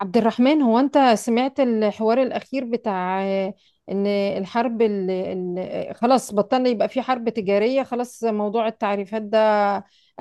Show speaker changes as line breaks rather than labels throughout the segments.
عبد الرحمن، هو انت سمعت الحوار الاخير بتاع ان الحرب خلاص بطلنا يبقى في حرب تجارية. خلاص موضوع التعريفات ده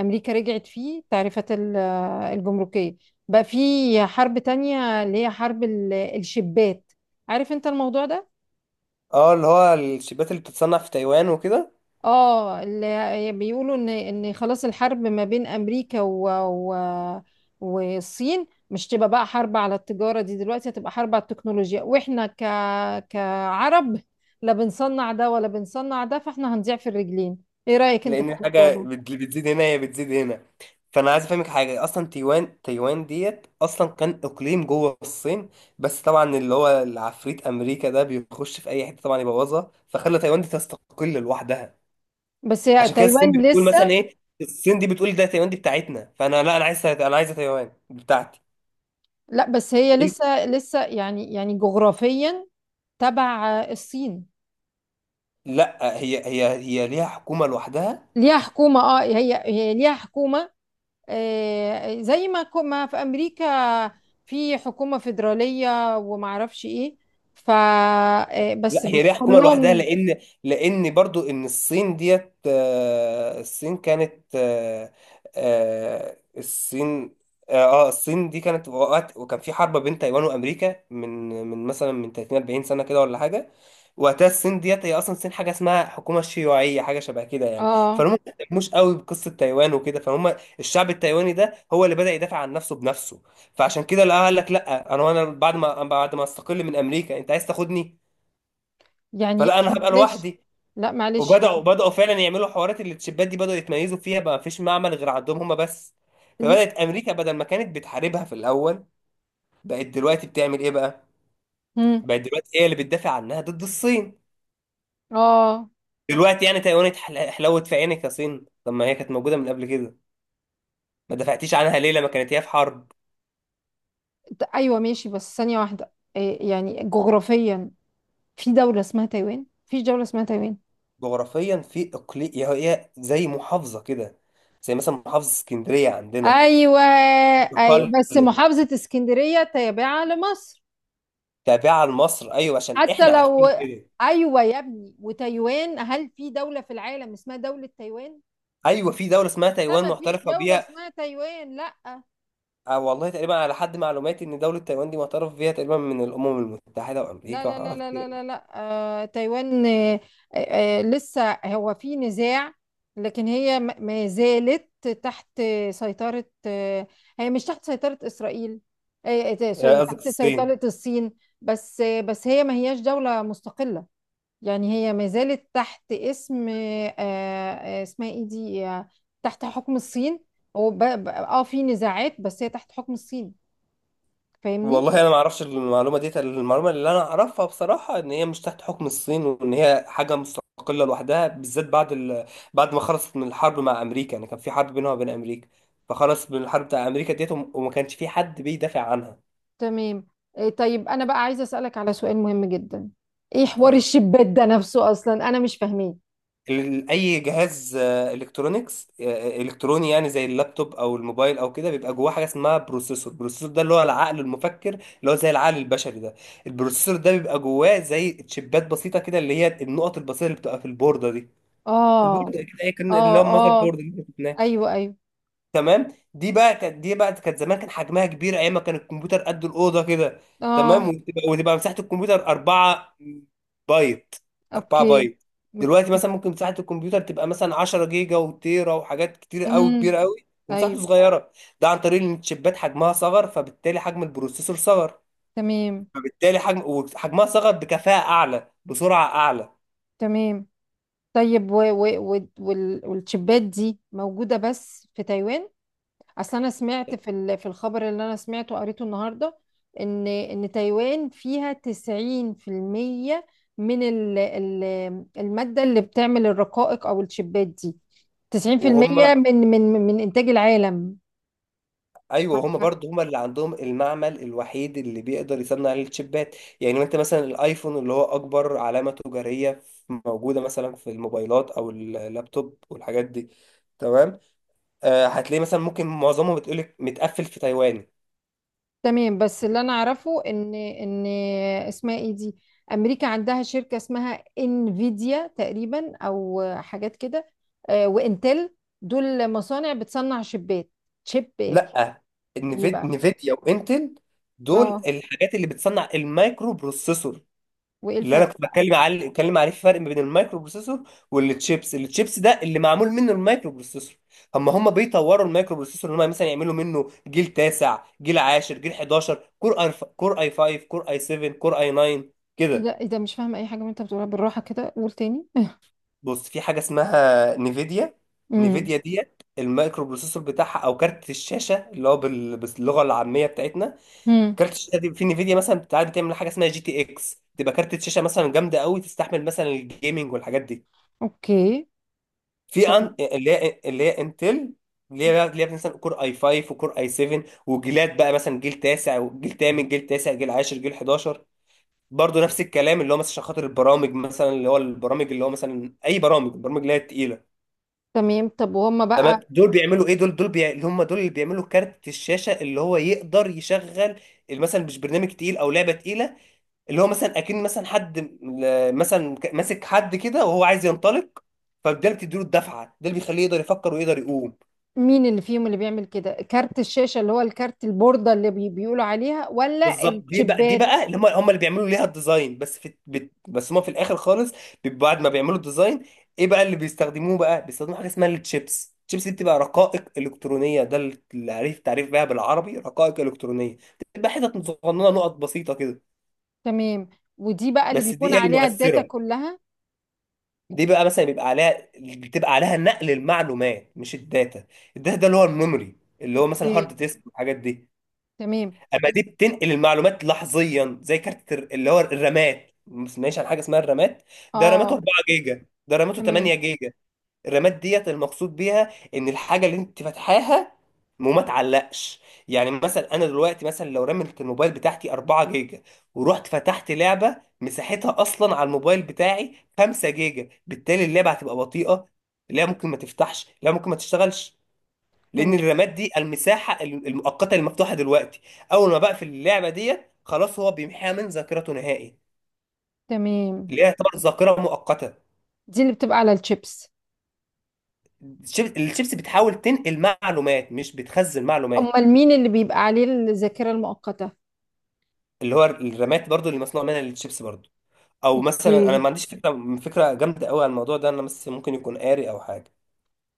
امريكا رجعت فيه تعريفات الجمركية. بقى في حرب تانية اللي هي حرب الشبات. عارف انت الموضوع ده؟
اه اللي هو الشيبات اللي بتتصنع في تايوان وكده.
اه، اللي بيقولوا ان خلاص الحرب ما بين امريكا و... والصين مش تبقى بقى حرب على التجارة دي، دلوقتي هتبقى حرب على التكنولوجيا، واحنا كعرب لا بنصنع ده ولا بنصنع ده، فاحنا هنضيع في الرجلين. ايه رأيك انت في
لان اه
الموضوع
الحاجه
ده؟
بت- اللي بتزيد هنا هي بتزيد هنا. فانا عايز افهمك حاجه، اصلا تايوان، تايوان ديت اصلا كان اقليم جوه الصين. بس طبعا اللي هو العفريت امريكا ده بيخش في اي حته طبعا يبوظها، فخلى تايوان دي تستقل لوحدها.
بس هي
عشان كده الصين
تايوان
بتقول مثلا
لسه.
ايه، الصين دي بتقول ده تايوان دي بتاعتنا، فانا لا، انا عايزه تايوان بتاعتي.
لا بس هي لسه يعني جغرافيا تبع الصين.
لا، هي ليها حكومه لوحدها.
ليها حكومة، اه، هي ليها حكومة، زي ما ما في امريكا، في حكومه فيدراليه ومعرفش ايه. ف آه، بس
لا هي
بس
ليها حكومه لوحدها،
كلهم.
لان برضو ان الصين ديت، الصين كانت، الصين، الصين دي كانت وقت، وكان في حرب بين تايوان وامريكا من مثلا من 30 40 سنه كده ولا حاجه. وقتها الصين ديت، هي اصلا الصين حاجه اسمها حكومه شيوعيه، حاجه شبه كده يعني.
اه،
فهم ما مش قوي بقصه تايوان وكده. فهم الشعب التايواني ده هو اللي بدا يدافع عن نفسه بنفسه. فعشان كده لا، قال لك لا، انا بعد ما استقل من امريكا انت عايز تاخدني؟
يعني،
فلا، انا هبقى
معلش.
لوحدي.
لا معلش
وبداوا
يعني.
بداوا فعلا يعملوا حوارات، اللي الشباب دي بداوا يتميزوا فيها، بقى مفيش معمل غير عندهم هما بس.
ل-
فبدات امريكا بدل ما كانت بتحاربها في الاول، بقت دلوقتي بتعمل ايه بقى؟
مم.
بقت دلوقتي هي اللي بتدافع عنها ضد الصين.
اه.
دلوقتي يعني تايوان حلوت في عينك يا صين؟ طب ما هي كانت موجوده من قبل كده، ما دفعتيش عنها ليه لما كانت هي في حرب؟
ايوه ماشي، بس ثانيه واحده، يعني جغرافيا في دوله اسمها تايوان، في دوله اسمها تايوان.
جغرافيا في اقليم، هي زي محافظه كده، زي مثلا محافظه اسكندريه عندنا.
ايوه، ايوه، بس
تقلد
محافظه اسكندريه تابعه لمصر.
تابعه لمصر، ايوه عشان
حتى
احنا
لو.
عارفين كده.
ايوه يا ابني، وتايوان، هل في دولة في العالم اسمها دولة تايوان؟
ايوه في دوله اسمها
لا،
تايوان
ما فيش
معترفه
دولة
بيها.
اسمها تايوان. لا،
آه والله تقريبا على حد معلوماتي ان دوله تايوان دي معترف بيها تقريبا من الامم المتحده
لا،
وامريكا
لا، لا،
وحوارات
لا، لا،
كتير.
لا، لا. تايوان، آه لسه هو في نزاع، لكن هي ما زالت تحت سيطرة هي، مش تحت سيطرة إسرائيل،
آه،
سوري،
قصدك
تحت
الصين.
سيطرة الصين. بس هي ما هياش دولة مستقلة، يعني هي ما زالت تحت اسم اسمها ايه دي، تحت حكم الصين. هو ب- ب- اه في نزاعات، بس هي تحت حكم الصين. فاهمني؟
والله انا ما اعرفش المعلومه دي، المعلومه اللي انا اعرفها بصراحه ان هي مش تحت حكم الصين، وان هي حاجه مستقله لوحدها، بالذات بعد بعد ما خلصت من الحرب مع امريكا. يعني كان في حرب بينها وبين امريكا، فخلص من الحرب بتاع امريكا ديت، وما كانش في حد بيدافع عنها.
تمام. طيب انا بقى عايزه اسالك على سؤال مهم جدا. ايه حوار
آه.
الشبات ده نفسه؟ اصلا انا مش فاهماه.
اي جهاز الكترونيكس، الكتروني، يعني زي اللابتوب او الموبايل او كده، بيبقى جواه حاجه اسمها بروسيسور. البروسيسور ده اللي هو العقل المفكر، اللي هو زي العقل البشري ده. البروسيسور ده بيبقى جواه زي تشيبات بسيطه كده، اللي هي النقط البسيطه اللي بتبقى في البورده دي.
اه،
البورده كده هي كان اللي
اه،
هو المذر
اه.
بورد.
ايوه، ايوه.
تمام، دي بقى كانت دي بقى كانت زمان كان حجمها كبير، ايام ما كان الكمبيوتر قد الاوضه كده. تمام،
اه.
وتبقى مساحه الكمبيوتر 4 بايت، 4
اوكي.
بايت. دلوقتي مثلا ممكن مساحه الكمبيوتر تبقى مثلا 10 جيجا وتيرا وحاجات كتير قوي،
امم.
كبيره قوي ومساحته
ايوه.
صغيره. ده عن طريق ان الشيبات حجمها صغر، فبالتالي حجم البروسيسور صغر،
تمام.
فبالتالي حجم، وحجمها صغر بكفاءه اعلى بسرعه اعلى.
تمام. طيب، والشبات دي موجوده بس في تايوان؟ اصل انا سمعت في الخبر اللي انا سمعته قريته النهارده، ان تايوان فيها 90% من المادة اللي بتعمل الرقائق او الشيبات دي،
وهم،
90% من انتاج العالم.
ايوه هما برضو هما اللي عندهم المعمل الوحيد اللي بيقدر يصنع الشيبات. يعني انت مثلا الايفون اللي هو اكبر علامة تجارية موجودة مثلا في الموبايلات او اللابتوب والحاجات دي، تمام، آه هتلاقي مثلا ممكن معظمهم بتقولك متقفل في تايوان.
تمام، بس اللي انا اعرفه ان اسمها ايه دي، امريكا عندها شركة اسمها انفيديا تقريبا، او حاجات كده، وانتل. دول مصانع بتصنع شيبات، شيبات.
لا،
ايه
نفيد،
بقى؟
نفيديا وانتل دول
اه.
الحاجات اللي بتصنع المايكرو بروسيسور.
وايه
اللي انا
الفرق
كنت
بقى؟
بتكلم عليه، بتكلم عليه في فرق ما بين المايكرو بروسيسور والتشيبس. التشيبس ده اللي معمول منه المايكرو بروسيسور. هم بيطوروا المايكرو بروسيسور، ان هم مثلا يعملوا منه جيل تاسع، جيل عاشر، جيل 11، كور اي، كور اي 5، كور اي 7، كور اي 9،
ايه
كده.
ده، ايه ده؟ مش فاهمه اي حاجه من اللي انت بتقولها، بالراحه كده قول تاني.
بص، في حاجه اسمها نيفيديا.
امم.
نيفيديا ديت المايكرو بروسيسور بتاعها، او كارت الشاشه اللي هو باللغه العاميه بتاعتنا.
امم.
كارت الشاشه دي في نيفيديا مثلا بتاعت، بتعمل حاجه اسمها جي تي اكس، تبقى كارت الشاشه مثلا جامده قوي تستحمل مثلا الجيمنج والحاجات دي.
اوكي.
في
طب-
اللي هي اللي هي انتل، اللي
مم.
هي اللي هي مثلا كور اي 5 وكور اي 7، وجيلات بقى مثلا جيل تاسع وجيل تامن، جيل تاسع، جيل 10، جيل 11. برضه نفس الكلام، اللي هو مثلا عشان خاطر البرامج، مثلا اللي هو البرامج، اللي هو مثلا اي برامج، البرامج اللي هي التقيله.
تمام. طب وهم
تمام،
بقى؟
دول بيعملوا ايه؟ دول اللي هم دول اللي بيعملوا كارت الشاشه اللي هو يقدر يشغل مثلا مش برنامج تقيل او لعبه تقيله. اللي هو مثلا اكن مثلا حد م- مثلا ك- ماسك حد كده وهو عايز ينطلق، فده اللي بتديله الدفعه، ده اللي بيخليه يقدر يفكر ويقدر يقوم.
مين اللي فيهم اللي بيعمل كده كارت الشاشه، اللي هو الكارت البورده اللي بيقولوا عليها، ولا
بالظبط، دي بقى دي
الشيبات؟
بقى اللي هم اللي بيعملوا ليها الديزاين. بس في بس هم في الاخر خالص بيبقوا بعد ما بيعملوا الديزاين، ايه بقى اللي بيستخدموه؟ بقى بيستخدموا حاجه اسمها التشيبس. التشيبس دي بتبقى رقائق الكترونيه، ده التعريف، تعريف بيها بالعربي رقائق الكترونيه، بتبقى حتت صغننه، نقط بسيطه كده.
تمام، ودي بقى اللي
بس دي
بيكون
هي
عليها الداتا
المؤثره.
كلها؟
دي بقى مثلا بيبقى عليها بتبقى عليها نقل المعلومات مش الداتا. الداتا ده اللي هو الميموري، اللي هو مثلا
اوكي.
هارد ديسك والحاجات دي.
تمام.
اما دي بتنقل المعلومات لحظيا، زي اللي هو الرامات. ما سمعناش عن حاجه اسمها الرامات؟
اه.
ده راماته
آه،
4 جيجا، ده راماته 8
تمام.
جيجا. الرامات ديت المقصود بيها ان الحاجه اللي انت فاتحاها وما تعلقش. يعني مثلا انا دلوقتي مثلا لو رميت الموبايل بتاعتي 4 جيجا، ورحت فتحت لعبه مساحتها اصلا على الموبايل بتاعي 5 جيجا، بالتالي اللعبه هتبقى بطيئه، لا ممكن ما تفتحش، لا ممكن ما تشتغلش. لان
تمام.
الرماد دي المساحه المؤقته المفتوحه دلوقتي. اول ما بقفل اللعبه ديت خلاص هو بيمحيها من ذاكرته نهائي،
تمام،
اللي هي طبعا ذاكره مؤقته.
دي اللي بتبقى على الشيبس؟
الشيبس بتحاول تنقل معلومات، مش بتخزن معلومات.
امال مين اللي بيبقى عليه الذاكره المؤقته؟
اللي هو الرامات برضو اللي مصنوع منها الشيبس برضو. او مثلا انا
اوكي.
ما عنديش فكره، جامده قوي عن الموضوع ده، انا بس ممكن يكون قاري او حاجه.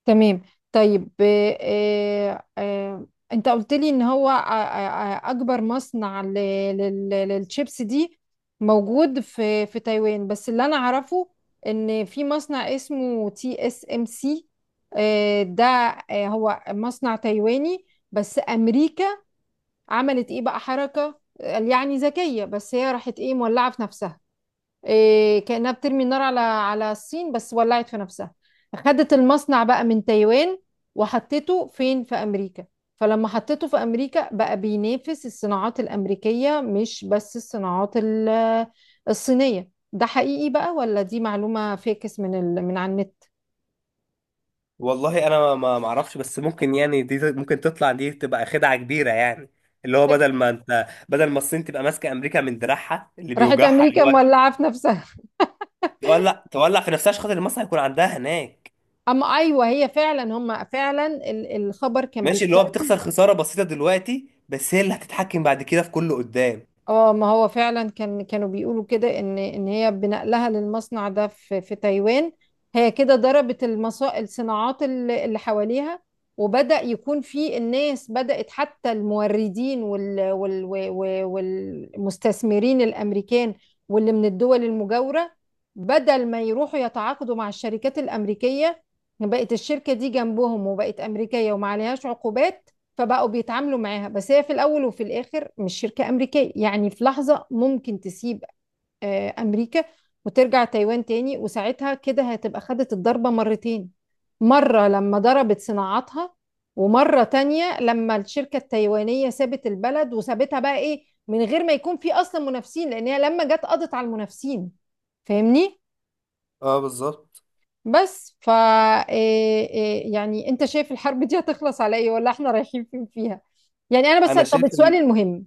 تمام. طيب، انت قلت لي ان هو، اكبر مصنع للشيبس دي موجود في تايوان، بس اللي انا اعرفه ان في مصنع اسمه تي اس ام سي. ده، هو مصنع تايواني، بس امريكا عملت ايه بقى؟ حركة يعني ذكية، بس هي راحت ايه، مولعة في نفسها. إيه، كأنها بترمي النار على الصين، بس ولعت في نفسها. خدت المصنع بقى من تايوان وحطيته فين؟ في أمريكا. فلما حطيته في أمريكا، بقى بينافس الصناعات الأمريكية مش بس الصناعات الصينية. ده حقيقي بقى، ولا دي معلومة فاكس من على النت؟
والله انا ما اعرفش، بس ممكن يعني دي ممكن تطلع دي تبقى خدعه كبيره يعني. اللي هو بدل ما انت، بدل ما الصين تبقى ماسكه امريكا من دراعها اللي
راحت
بيوجعها،
أمريكا مولعة في نفسها.
تولع في نفسها عشان خاطر المصنع يكون عندها هناك.
أما أيوه، هي فعلا، هم فعلا الخبر كان.
ماشي، اللي هو بتخسر خسارة بسيطة دلوقتي، بس هي اللي هتتحكم بعد كده في كله قدام.
اه، ما هو فعلا كانوا بيقولوا كده ان هي بنقلها للمصنع ده في تايوان. هي كده ضربت الصناعات اللي حواليها، وبدأ يكون في الناس، بدأت حتى الموردين والمستثمرين الامريكان واللي من الدول المجاورة، بدل ما يروحوا يتعاقدوا مع الشركات الامريكية، بقت الشركة دي جنبهم وبقت امريكية وما عليهاش عقوبات، فبقوا بيتعاملوا معاها. بس هي في الاول وفي الاخر مش شركه امريكيه، يعني في لحظه ممكن تسيب امريكا وترجع تايوان تاني، وساعتها كده هتبقى خدت الضربه مرتين، مره لما ضربت صناعاتها، ومره تانية لما الشركه التايوانيه سابت البلد، وسابتها بقى ايه من غير ما يكون في اصلا منافسين، لان هي لما جت قضت على المنافسين. فاهمني؟
اه بالظبط.
بس ف إيه- إيه، يعني انت شايف الحرب دي هتخلص على ايه، ولا احنا رايحين فين فيها؟ يعني انا بس،
انا
طب
شايف
سؤالي
ان،
المهم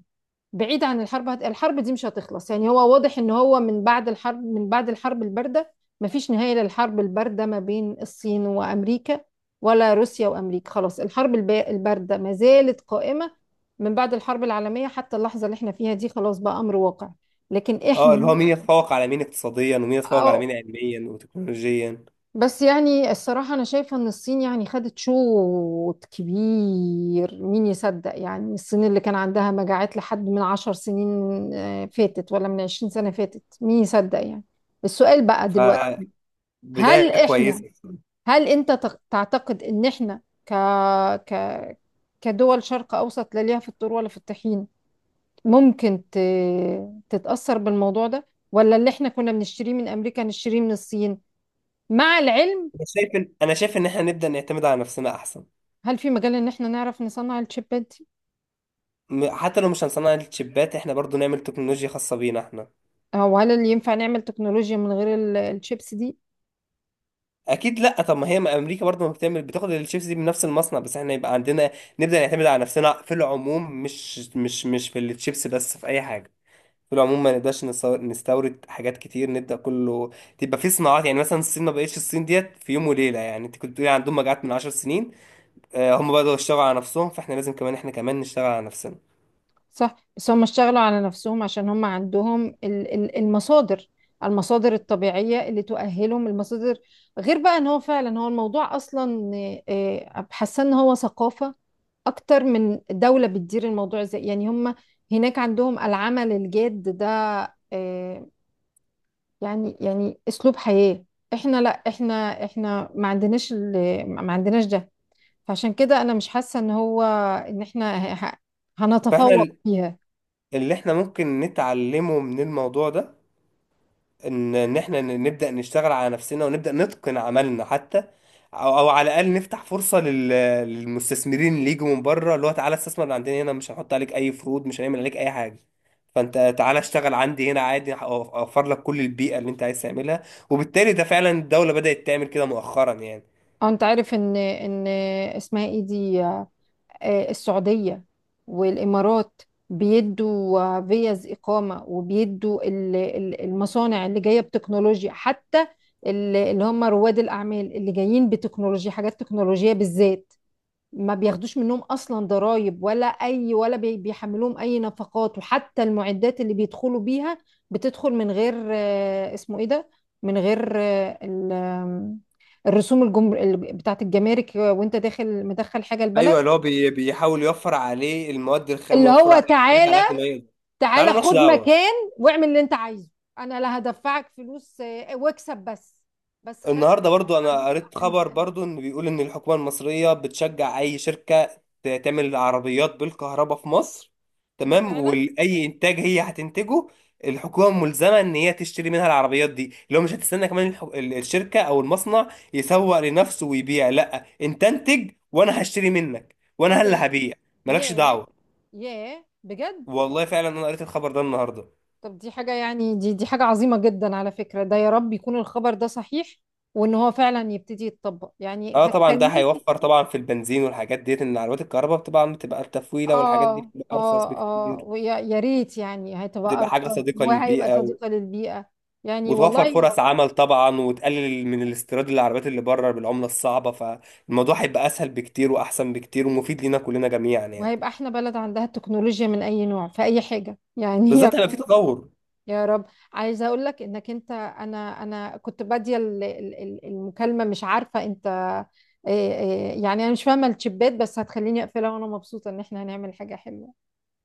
بعيد عن الحرب. الحرب دي مش هتخلص، يعني هو واضح ان هو من بعد الحرب الباردة مفيش نهاية للحرب الباردة ما بين الصين وامريكا، ولا روسيا وامريكا. خلاص، الحرب الباردة ما زالت قائمة من بعد الحرب العالمية حتى اللحظة اللي احنا فيها دي، خلاص بقى امر واقع. لكن
اه اللي هو
احنا،
مين يتفوق على مين اقتصاديا، ومين يتفوق على مين
أو-
علميا وتكنولوجيا.
بس يعني الصراحة أنا شايفة إن الصين يعني خدت شوط كبير. مين يصدق يعني؟ الصين اللي كان عندها مجاعات لحد من عشر سنين فاتت، ولا من عشرين سنة فاتت، مين يصدق يعني؟ السؤال بقى دلوقتي،
فبداية
هل
كويسة،
إحنا هل أنت تعتقد إن إحنا ك ك كدول شرق أوسط لا ليها في الطور ولا في الطحين، ممكن تتأثر بالموضوع ده، ولا اللي إحنا كنا بنشتريه من أمريكا نشتريه من الصين، مع العلم.
انا شايف ان احنا نبدأ نعتمد على نفسنا احسن.
هل في مجال ان احنا نعرف نصنع الشيبات دي؟
حتى لو مش هنصنع الشيبات، احنا برضو نعمل تكنولوجيا خاصة بينا احنا.
او هل اللي ينفع نعمل تكنولوجيا من غير الشيبس دي؟
اكيد لا، طب ما هي، ما امريكا برضه ما بتعمل بتاخد الشيبس دي من نفس المصنع، بس احنا يبقى عندنا. نبدا نعتمد على نفسنا في العموم، مش في الشيبس بس، في اي حاجه، في العموم ما نقدرش نستورد حاجات كتير، نبدا كله تبقى في صناعات. يعني مثلا الصين ما بقتش الصين ديت في يوم وليله، يعني انت كنت بتقولي عندهم مجاعات من 10 سنين. آه، هم بداوا يشتغلوا على نفسهم، فاحنا لازم كمان، احنا كمان نشتغل على نفسنا.
صح، بس هم اشتغلوا على نفسهم عشان هم عندهم المصادر، المصادر الطبيعية اللي تؤهلهم. المصادر، غير بقى ان هو فعلا، هو الموضوع اصلا، حاسه ان هو ثقافة اكتر من دولة بتدير الموضوع. زي يعني هم هناك عندهم العمل الجاد ده، آه، يعني اسلوب حياة. احنا لا، احنا ما عندناش ده. فعشان كده انا مش حاسه ان هو، ان احنا
فاحنا
هنتفوق فيها.
اللي احنا ممكن نتعلمه من الموضوع ده، ان احنا نبدا نشتغل على نفسنا ونبدا نتقن عملنا حتى، او على الاقل نفتح فرصه للمستثمرين اللي يجوا من بره، اللي هو تعالى استثمر من عندنا هنا، مش هنحط عليك اي فروض، مش هنعمل عليك اي حاجه، فانت تعالى اشتغل عندي هنا عادي، اوفر لك كل البيئه اللي انت عايز تعملها. وبالتالي ده فعلا الدوله بدات تعمل كده مؤخرا يعني.
او انت عارف ان اسمها ايه دي، السعوديه والامارات بيدوا فيز اقامه، وبيدوا المصانع اللي جايه بتكنولوجيا، حتى اللي هم رواد الاعمال اللي جايين بتكنولوجيا، حاجات تكنولوجيه بالذات، ما بياخدوش منهم اصلا ضرائب ولا اي، ولا بيحملوهم اي نفقات، وحتى المعدات اللي بيدخلوا بيها بتدخل من غير اسمه ايه ده، من غير آه، ال- آم، الرسوم بتاعت الجمارك وانت داخل مدخل حاجة البلد.
ايوه، اللي هو بيحاول يوفر عليه المواد الخام
اللي
ويوفر
هو
عليه الحاجات
تعالى،
على قد ما يقدر. تعالى
تعالى
مالكش
خد
دعوه.
مكان، واعمل اللي انت عايزه. انا لا هدفعك فلوس، واكسب بس خدمة
النهارده برضو انا
دي تبقى
قريت خبر
عندي انا.
برضو، ان بيقول ان الحكومه المصريه بتشجع اي شركه تعمل عربيات بالكهرباء في مصر،
ايه ده
تمام؟
فعلا؟
واي انتاج هي هتنتجه الحكومه ملزمه ان هي تشتري منها العربيات دي. اللي هو مش هتستنى كمان الشركه او المصنع يسوق لنفسه ويبيع، لا، انت انتج وانا هشتري منك
ايه
وانا اللي
ده؟
هبيع. مالكش
ياه.
دعوه.
ياه بجد.
والله فعلا انا قريت الخبر ده النهارده.
طب دي حاجة يعني، دي حاجة عظيمة جدا على فكرة. ده يا رب يكون الخبر ده صحيح، وان هو فعلا يبتدي يتطبق، يعني
اه طبعا ده
هتخليني.
هيوفر طبعا في البنزين والحاجات ديت، ان عربيات الكهرباء طبعا بتبقى التفويله والحاجات دي
اه،
بتبقى ارخص
اه، اه.
بكتير.
ويا ريت يعني، هتبقى
بتبقى حاجه
ارخص
صديقه
وهيبقى
للبيئه،
صديقة للبيئة. يعني
وتوفر
والله،
فرص عمل طبعا، وتقلل من الاستيراد للعربيات اللي بره بالعمله الصعبه، فالموضوع هيبقى اسهل بكتير واحسن بكتير ومفيد لينا كلنا جميعا يعني،
وهيبقى احنا بلد عندها التكنولوجيا من اي نوع في اي حاجة يعني.
بالذات لو في تطور.
يا رب. عايزه اقول لك انك انت، انا كنت باديه المكالمه مش عارفه انت إيه يعني، انا مش فاهمه الشبات، بس هتخليني اقفلها وانا مبسوطه ان احنا هنعمل حاجه حلوه.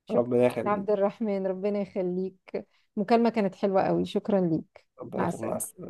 شكرا
ربنا
يا
يخليك.
عبد الرحمن، ربنا يخليك. المكالمه كانت حلوه قوي، شكرا ليك.
ربنا
مع
يخليك، مع
السلامه.
السلامه.